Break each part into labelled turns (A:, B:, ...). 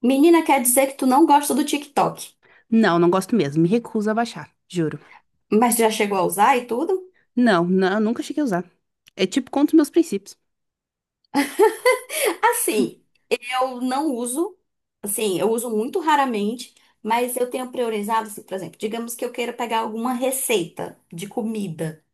A: Menina, quer dizer que tu não gosta do TikTok,
B: Não, não gosto mesmo. Me recuso a baixar, juro.
A: mas já chegou a usar e tudo?
B: Não, não, nunca cheguei a usar. É tipo contra os meus princípios.
A: Assim, eu não uso, assim, eu uso muito raramente, mas eu tenho priorizado, assim, por exemplo, digamos que eu queira pegar alguma receita de comida.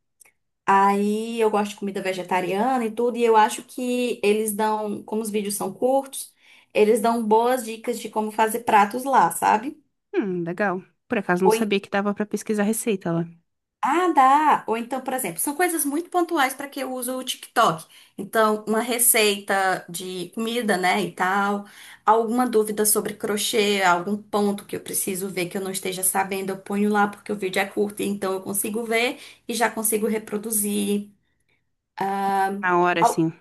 A: Aí eu gosto de comida vegetariana e tudo, e eu acho que eles dão, como os vídeos são curtos, eles dão boas dicas de como fazer pratos lá, sabe?
B: Legal. Por acaso não
A: Ou
B: sabia que dava pra pesquisar receita lá.
A: Ah, dá. Ou então, por exemplo, são coisas muito pontuais para que eu uso o TikTok. Então, uma receita de comida, né, e tal, alguma dúvida sobre crochê, algum ponto que eu preciso ver que eu não esteja sabendo, eu ponho lá porque o vídeo é curto, então eu consigo ver e já consigo reproduzir.
B: Na hora, assim.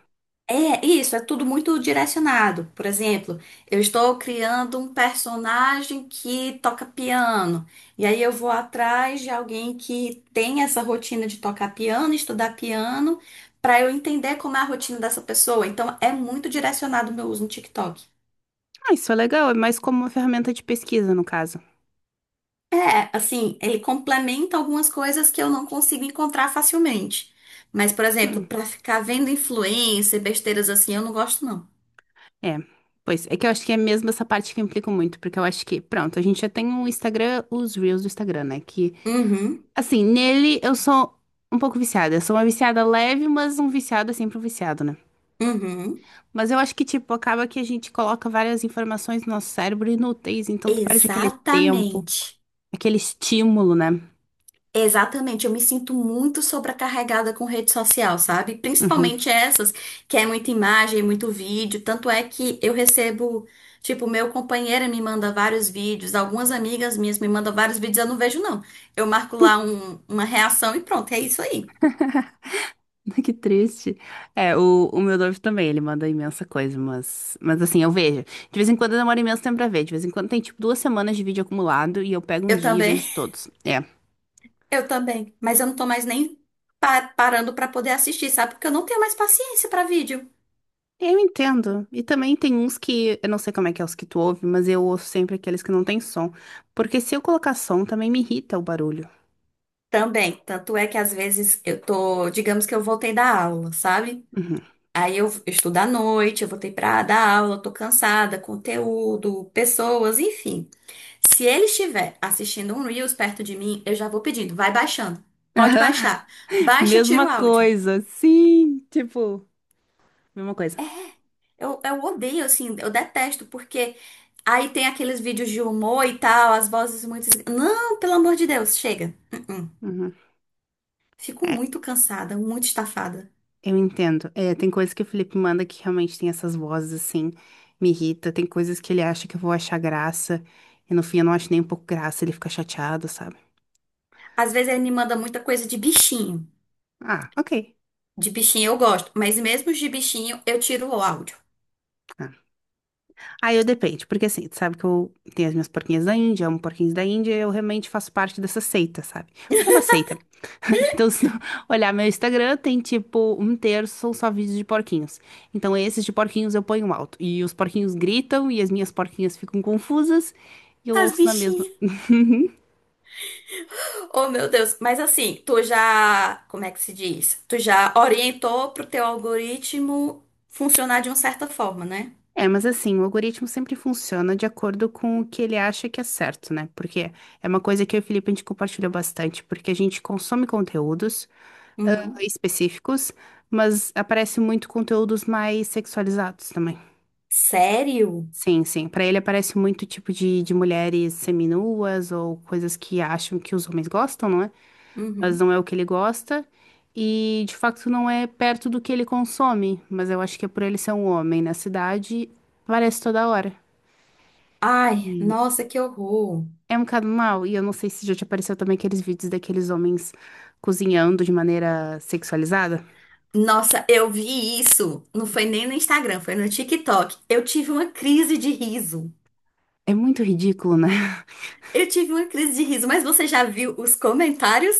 A: É isso, é tudo muito direcionado. Por exemplo, eu estou criando um personagem que toca piano. E aí eu vou atrás de alguém que tem essa rotina de tocar piano, estudar piano, para eu entender como é a rotina dessa pessoa. Então é muito direcionado o meu uso no TikTok.
B: Ah, isso é legal, é mais como uma ferramenta de pesquisa, no caso.
A: É, assim, ele complementa algumas coisas que eu não consigo encontrar facilmente. Mas, por exemplo,
B: Hum,
A: para ficar vendo influencer, besteiras assim, eu não gosto, não.
B: é. Pois, é que eu acho que é mesmo essa parte que eu implico muito, porque eu acho que, pronto, a gente já tem o Instagram, os Reels do Instagram, né? Que,
A: Uhum,
B: assim, nele eu sou um pouco viciada. Eu sou uma viciada leve, mas um viciado é sempre um viciado, né?
A: uhum.
B: Mas eu acho que, tipo, acaba que a gente coloca várias informações no nosso cérebro inúteis, então tu perde aquele tempo,
A: Exatamente.
B: aquele estímulo, né?
A: Exatamente, eu me sinto muito sobrecarregada com rede social, sabe?
B: Uhum.
A: Principalmente essas que é muita imagem, muito vídeo. Tanto é que eu recebo, tipo, meu companheiro me manda vários vídeos, algumas amigas minhas me mandam vários vídeos, eu não vejo, não. Eu marco lá uma reação e pronto, é isso aí.
B: Que triste. É, o meu noivo também, ele manda imensa coisa, mas assim, eu vejo. De vez em quando demora imenso tempo pra ver, de vez em quando tem, tipo, duas semanas de vídeo acumulado e eu pego um
A: Eu
B: dia e
A: também,
B: vejo todos. É.
A: eu também. Mas eu não tô mais nem parando pra poder assistir, sabe? Porque eu não tenho mais paciência pra vídeo.
B: Eu entendo. E também tem uns que, eu não sei como é que é os que tu ouve, mas eu ouço sempre aqueles que não tem som. Porque se eu colocar som, também me irrita o barulho.
A: Também, tanto é que às vezes eu tô, digamos que eu voltei da aula, sabe?
B: Uhum.
A: Aí eu estudo à noite, eu voltei pra dar aula, eu tô cansada, conteúdo, pessoas, enfim. Se ele estiver assistindo um Reels perto de mim, eu já vou pedindo, vai baixando. Pode baixar. Baixa, tira
B: Mesma
A: o áudio.
B: coisa, sim, tipo, mesma coisa.
A: É, eu odeio, assim, eu detesto, porque aí tem aqueles vídeos de humor e tal, as vozes muito. Não, pelo amor de Deus, chega. Uh-uh.
B: Uhum.
A: Fico
B: É,
A: muito cansada, muito estafada.
B: eu entendo. É, tem coisas que o Felipe manda que realmente tem essas vozes assim, me irrita. Tem coisas que ele acha que eu vou achar graça, e no fim eu não acho nem um pouco graça, ele fica chateado, sabe?
A: Às vezes ele me manda muita coisa de bichinho.
B: Ah, ok.
A: De bichinho eu gosto, mas mesmo de bichinho eu tiro o áudio.
B: Ah, Aí eu depende, porque assim, tu sabe que eu tenho as minhas porquinhas da Índia, amo porquinhos da Índia, e eu realmente faço parte dessa seita, sabe? Porque é uma seita. Então, se tu olhar meu Instagram, tem tipo um terço são só vídeos de porquinhos. Então, esses de porquinhos eu ponho alto. E os porquinhos gritam, e as minhas porquinhas ficam confusas, e eu
A: As
B: ouço na mesma.
A: bichinhas. Oh, meu Deus. Mas assim, tu já, como é que se diz? Tu já orientou pro teu algoritmo funcionar de uma certa forma, né?
B: É, mas assim, o algoritmo sempre funciona de acordo com o que ele acha que é certo, né? Porque é uma coisa que eu e o Felipe a gente compartilha bastante, porque a gente consome conteúdos ah,
A: Uhum.
B: específicos, mas aparece muito conteúdos mais sexualizados também.
A: Sério?
B: Sim, sim. Pra ele aparece muito tipo de mulheres seminuas ou coisas que acham que os homens gostam, não é? Mas
A: Uhum.
B: não é o que ele gosta. E de facto não é perto do que ele consome. Mas eu acho que é por ele ser um homem na cidade, aparece toda hora.
A: Ai,
B: E
A: nossa, que horror.
B: é um bocado mal. E eu não sei se já te apareceu também aqueles vídeos daqueles homens cozinhando de maneira sexualizada.
A: Nossa, eu vi isso. Não foi nem no Instagram, foi no TikTok. Eu tive uma crise de riso.
B: É muito ridículo, né?
A: Eu tive uma crise de riso, mas você já viu os comentários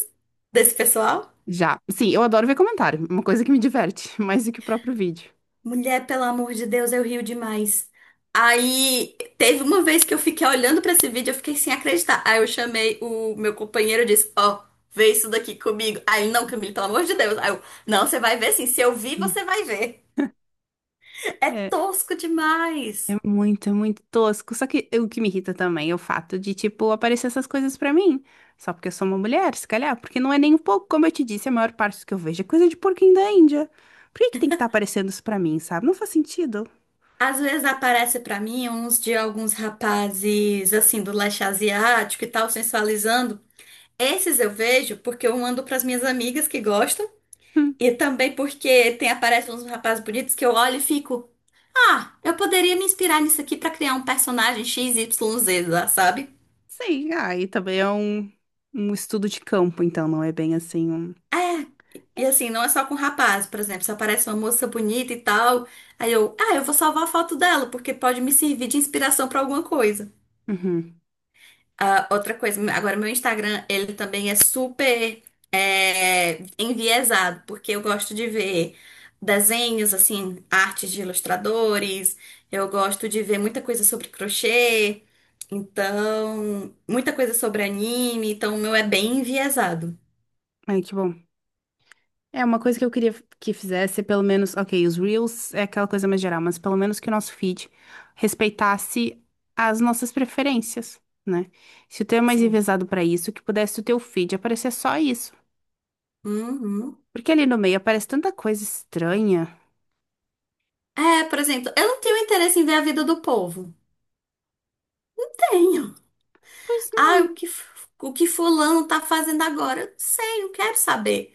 A: desse pessoal?
B: Já. Sim, eu adoro ver comentário. Uma coisa que me diverte, mais do que o próprio vídeo.
A: Mulher, pelo amor de Deus, eu rio demais. Aí teve uma vez que eu fiquei olhando pra esse vídeo, eu fiquei sem acreditar. Aí eu chamei o meu companheiro e disse: Ó, vê isso daqui comigo. Aí ele, não, Camille, pelo amor de Deus. Aí eu, não, você vai ver sim. Se eu vi, você vai ver. É
B: É,
A: tosco demais.
B: é muito tosco. Só que o que me irrita também é o fato de, tipo, aparecer essas coisas pra mim. Só porque eu sou uma mulher, se calhar. Porque não é nem um pouco, como eu te disse, a maior parte do que eu vejo é coisa de porquinho da Índia. Por que que tem que estar aparecendo isso pra mim, sabe? Não faz sentido.
A: Às vezes aparece pra mim uns de alguns rapazes assim do leste asiático e tal, sensualizando. Esses eu vejo porque eu mando pras minhas amigas que gostam
B: Hum.
A: e também porque tem aparecem uns rapazes bonitos que eu olho e fico, ah, eu poderia me inspirar nisso aqui pra criar um personagem XYZ lá, sabe?
B: Sim, ah, e também é um estudo de campo, então não é bem assim um.
A: É,
B: É.
A: e assim, não é só com rapaz, por exemplo, se aparece uma moça bonita e tal, aí eu, ah, eu vou salvar a foto dela porque pode me servir de inspiração pra alguma coisa.
B: Uhum.
A: Ah, outra coisa, agora meu Instagram, ele também é super é, enviesado, porque eu gosto de ver desenhos, assim, artes de ilustradores, eu gosto de ver muita coisa sobre crochê, então, muita coisa sobre anime, então o meu é bem enviesado.
B: Ai, que bom. É uma coisa que eu queria que fizesse, pelo menos, ok, os Reels é aquela coisa mais geral, mas pelo menos que o nosso feed respeitasse as nossas preferências, né? Se o teu é mais
A: Sim.
B: enviesado pra isso, que pudesse o teu feed aparecer só isso.
A: Uhum.
B: Porque ali no meio aparece tanta coisa estranha.
A: É, por exemplo, eu não tenho interesse em ver a vida do povo. Tenho.
B: Pois
A: Ah, o
B: não,
A: que, o que fulano tá fazendo agora? Eu não sei, não quero saber.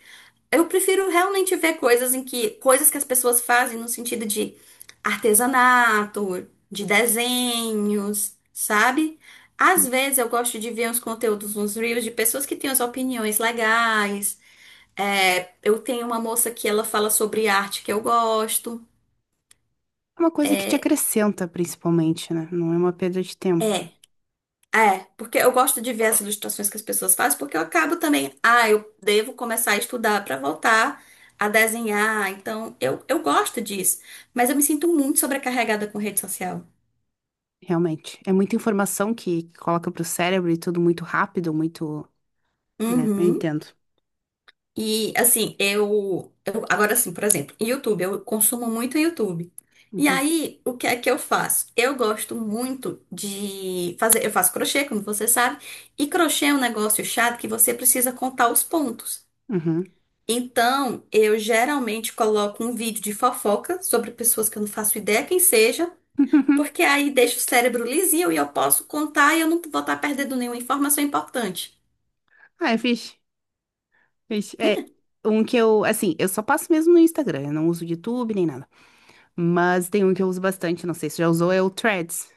A: Eu prefiro realmente ver coisas em que coisas que as pessoas fazem no sentido de artesanato, de desenhos, sabe? Às vezes eu gosto de ver uns conteúdos nos reels de pessoas que têm as opiniões legais. É, eu tenho uma moça que ela fala sobre arte que eu gosto.
B: é uma coisa que te acrescenta, principalmente, né? Não é uma perda de tempo,
A: É. É, porque eu gosto de ver as ilustrações que as pessoas fazem, porque eu acabo também, ah, eu devo começar a estudar para voltar a desenhar. Então, eu gosto disso, mas eu me sinto muito sobrecarregada com rede social.
B: realmente. É muita informação que coloca pro cérebro e tudo muito rápido, muito, né? Eu
A: Uhum.
B: entendo.
A: E assim, eu agora assim, por exemplo, YouTube, eu consumo muito YouTube. E
B: Uhum.
A: aí, o que é que eu faço? Eu gosto muito de fazer, eu faço crochê, como você sabe, e crochê é um negócio chato que você precisa contar os pontos.
B: Uhum.
A: Então, eu geralmente coloco um vídeo de fofoca sobre pessoas que eu não faço ideia quem seja, porque aí deixa o cérebro lisinho e eu posso contar e eu não vou estar perdendo nenhuma informação importante.
B: Ah, é fixe. Vixe, é um que eu, assim, eu só passo mesmo no Instagram, eu não uso YouTube nem nada. Mas tem um que eu uso bastante, não sei se já usou, é o Threads.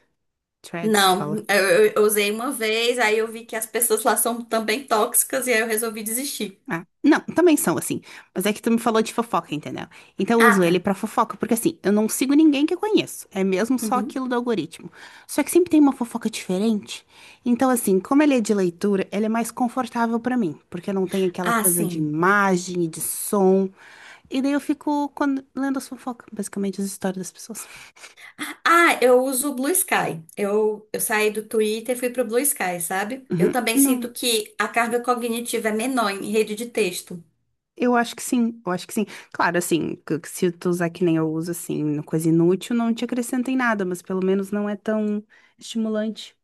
B: Threads, você fala.
A: Não, eu, eu usei uma vez, aí eu vi que as pessoas lá são também tóxicas e aí eu resolvi desistir.
B: Ah, não, também são assim. Mas é que tu me falou de fofoca, entendeu? Então eu
A: Ah,
B: uso
A: tá.
B: ele pra fofoca, porque assim, eu não sigo ninguém que eu conheço. É mesmo só
A: Uhum.
B: aquilo do algoritmo. Só que sempre tem uma fofoca diferente. Então, assim, como ele é de leitura, ele é mais confortável pra mim, porque não tem aquela
A: Ah,
B: coisa de
A: sim.
B: imagem e de som. E daí eu fico quando, lendo as fofocas, basicamente as histórias das pessoas.
A: Ah, eu uso o Blue Sky. Eu saí do Twitter e fui pro Blue Sky, sabe? Eu
B: Uhum.
A: também
B: Não,
A: sinto que a carga cognitiva é menor em rede de texto.
B: eu acho que sim, eu acho que sim. Claro, assim, que se tu usar que nem eu uso, assim, coisa inútil, não te acrescenta em nada, mas pelo menos não é tão estimulante.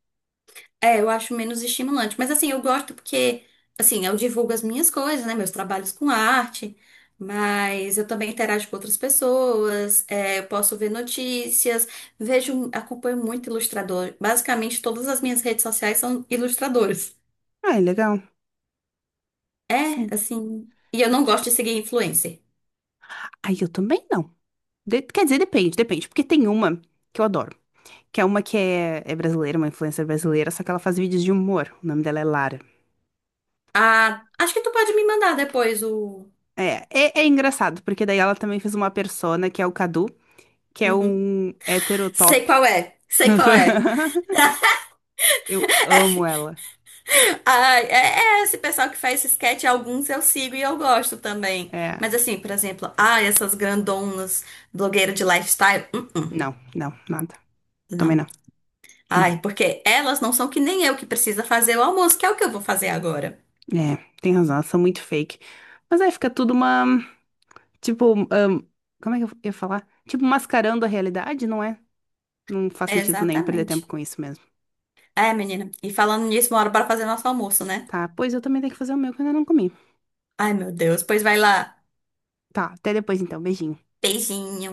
A: É, eu acho menos estimulante. Mas assim, eu gosto porque, assim, eu divulgo as minhas coisas, né? Meus trabalhos com arte, mas eu também interajo com outras pessoas, é, eu posso ver notícias, vejo, acompanho muito ilustrador. Basicamente, todas as minhas redes sociais são ilustradores.
B: Ah, é legal,
A: É,
B: sim.
A: assim. E eu
B: E
A: não gosto de seguir influencer.
B: aí eu também não. Quer dizer, depende, depende, porque tem uma que eu adoro, que é uma que é, é brasileira, uma influencer brasileira, só que ela faz vídeos de humor. O nome dela é Lara.
A: Ah, acho que tu pode me mandar depois o.
B: É, é, é engraçado, porque daí ela também fez uma persona, que é o Cadu, que é
A: Uhum.
B: um
A: Sei
B: heterotop.
A: qual é. Sei qual é.
B: Eu amo ela.
A: Ah, é, é, esse pessoal que faz esse sketch, alguns eu sigo e eu gosto também.
B: É.
A: Mas assim, por exemplo, ah, essas grandonas, blogueiras de lifestyle,
B: Não, não, nada. Também
A: não.
B: não. Não.
A: Ai, porque elas não são que nem eu que precisa fazer o almoço, que é o que eu vou fazer agora.
B: É, tem razão, elas são muito fake. Mas aí fica tudo uma. Tipo, como é que eu ia falar? Tipo, mascarando a realidade, não é? Não faz sentido nenhum perder tempo
A: Exatamente.
B: com isso mesmo.
A: É, menina. E falando nisso, uma hora para fazer nosso almoço, né?
B: Tá, pois eu também tenho que fazer o meu que eu ainda não comi.
A: Ai, meu Deus. Pois vai lá.
B: Tá, até depois então. Beijinho.
A: Beijinho.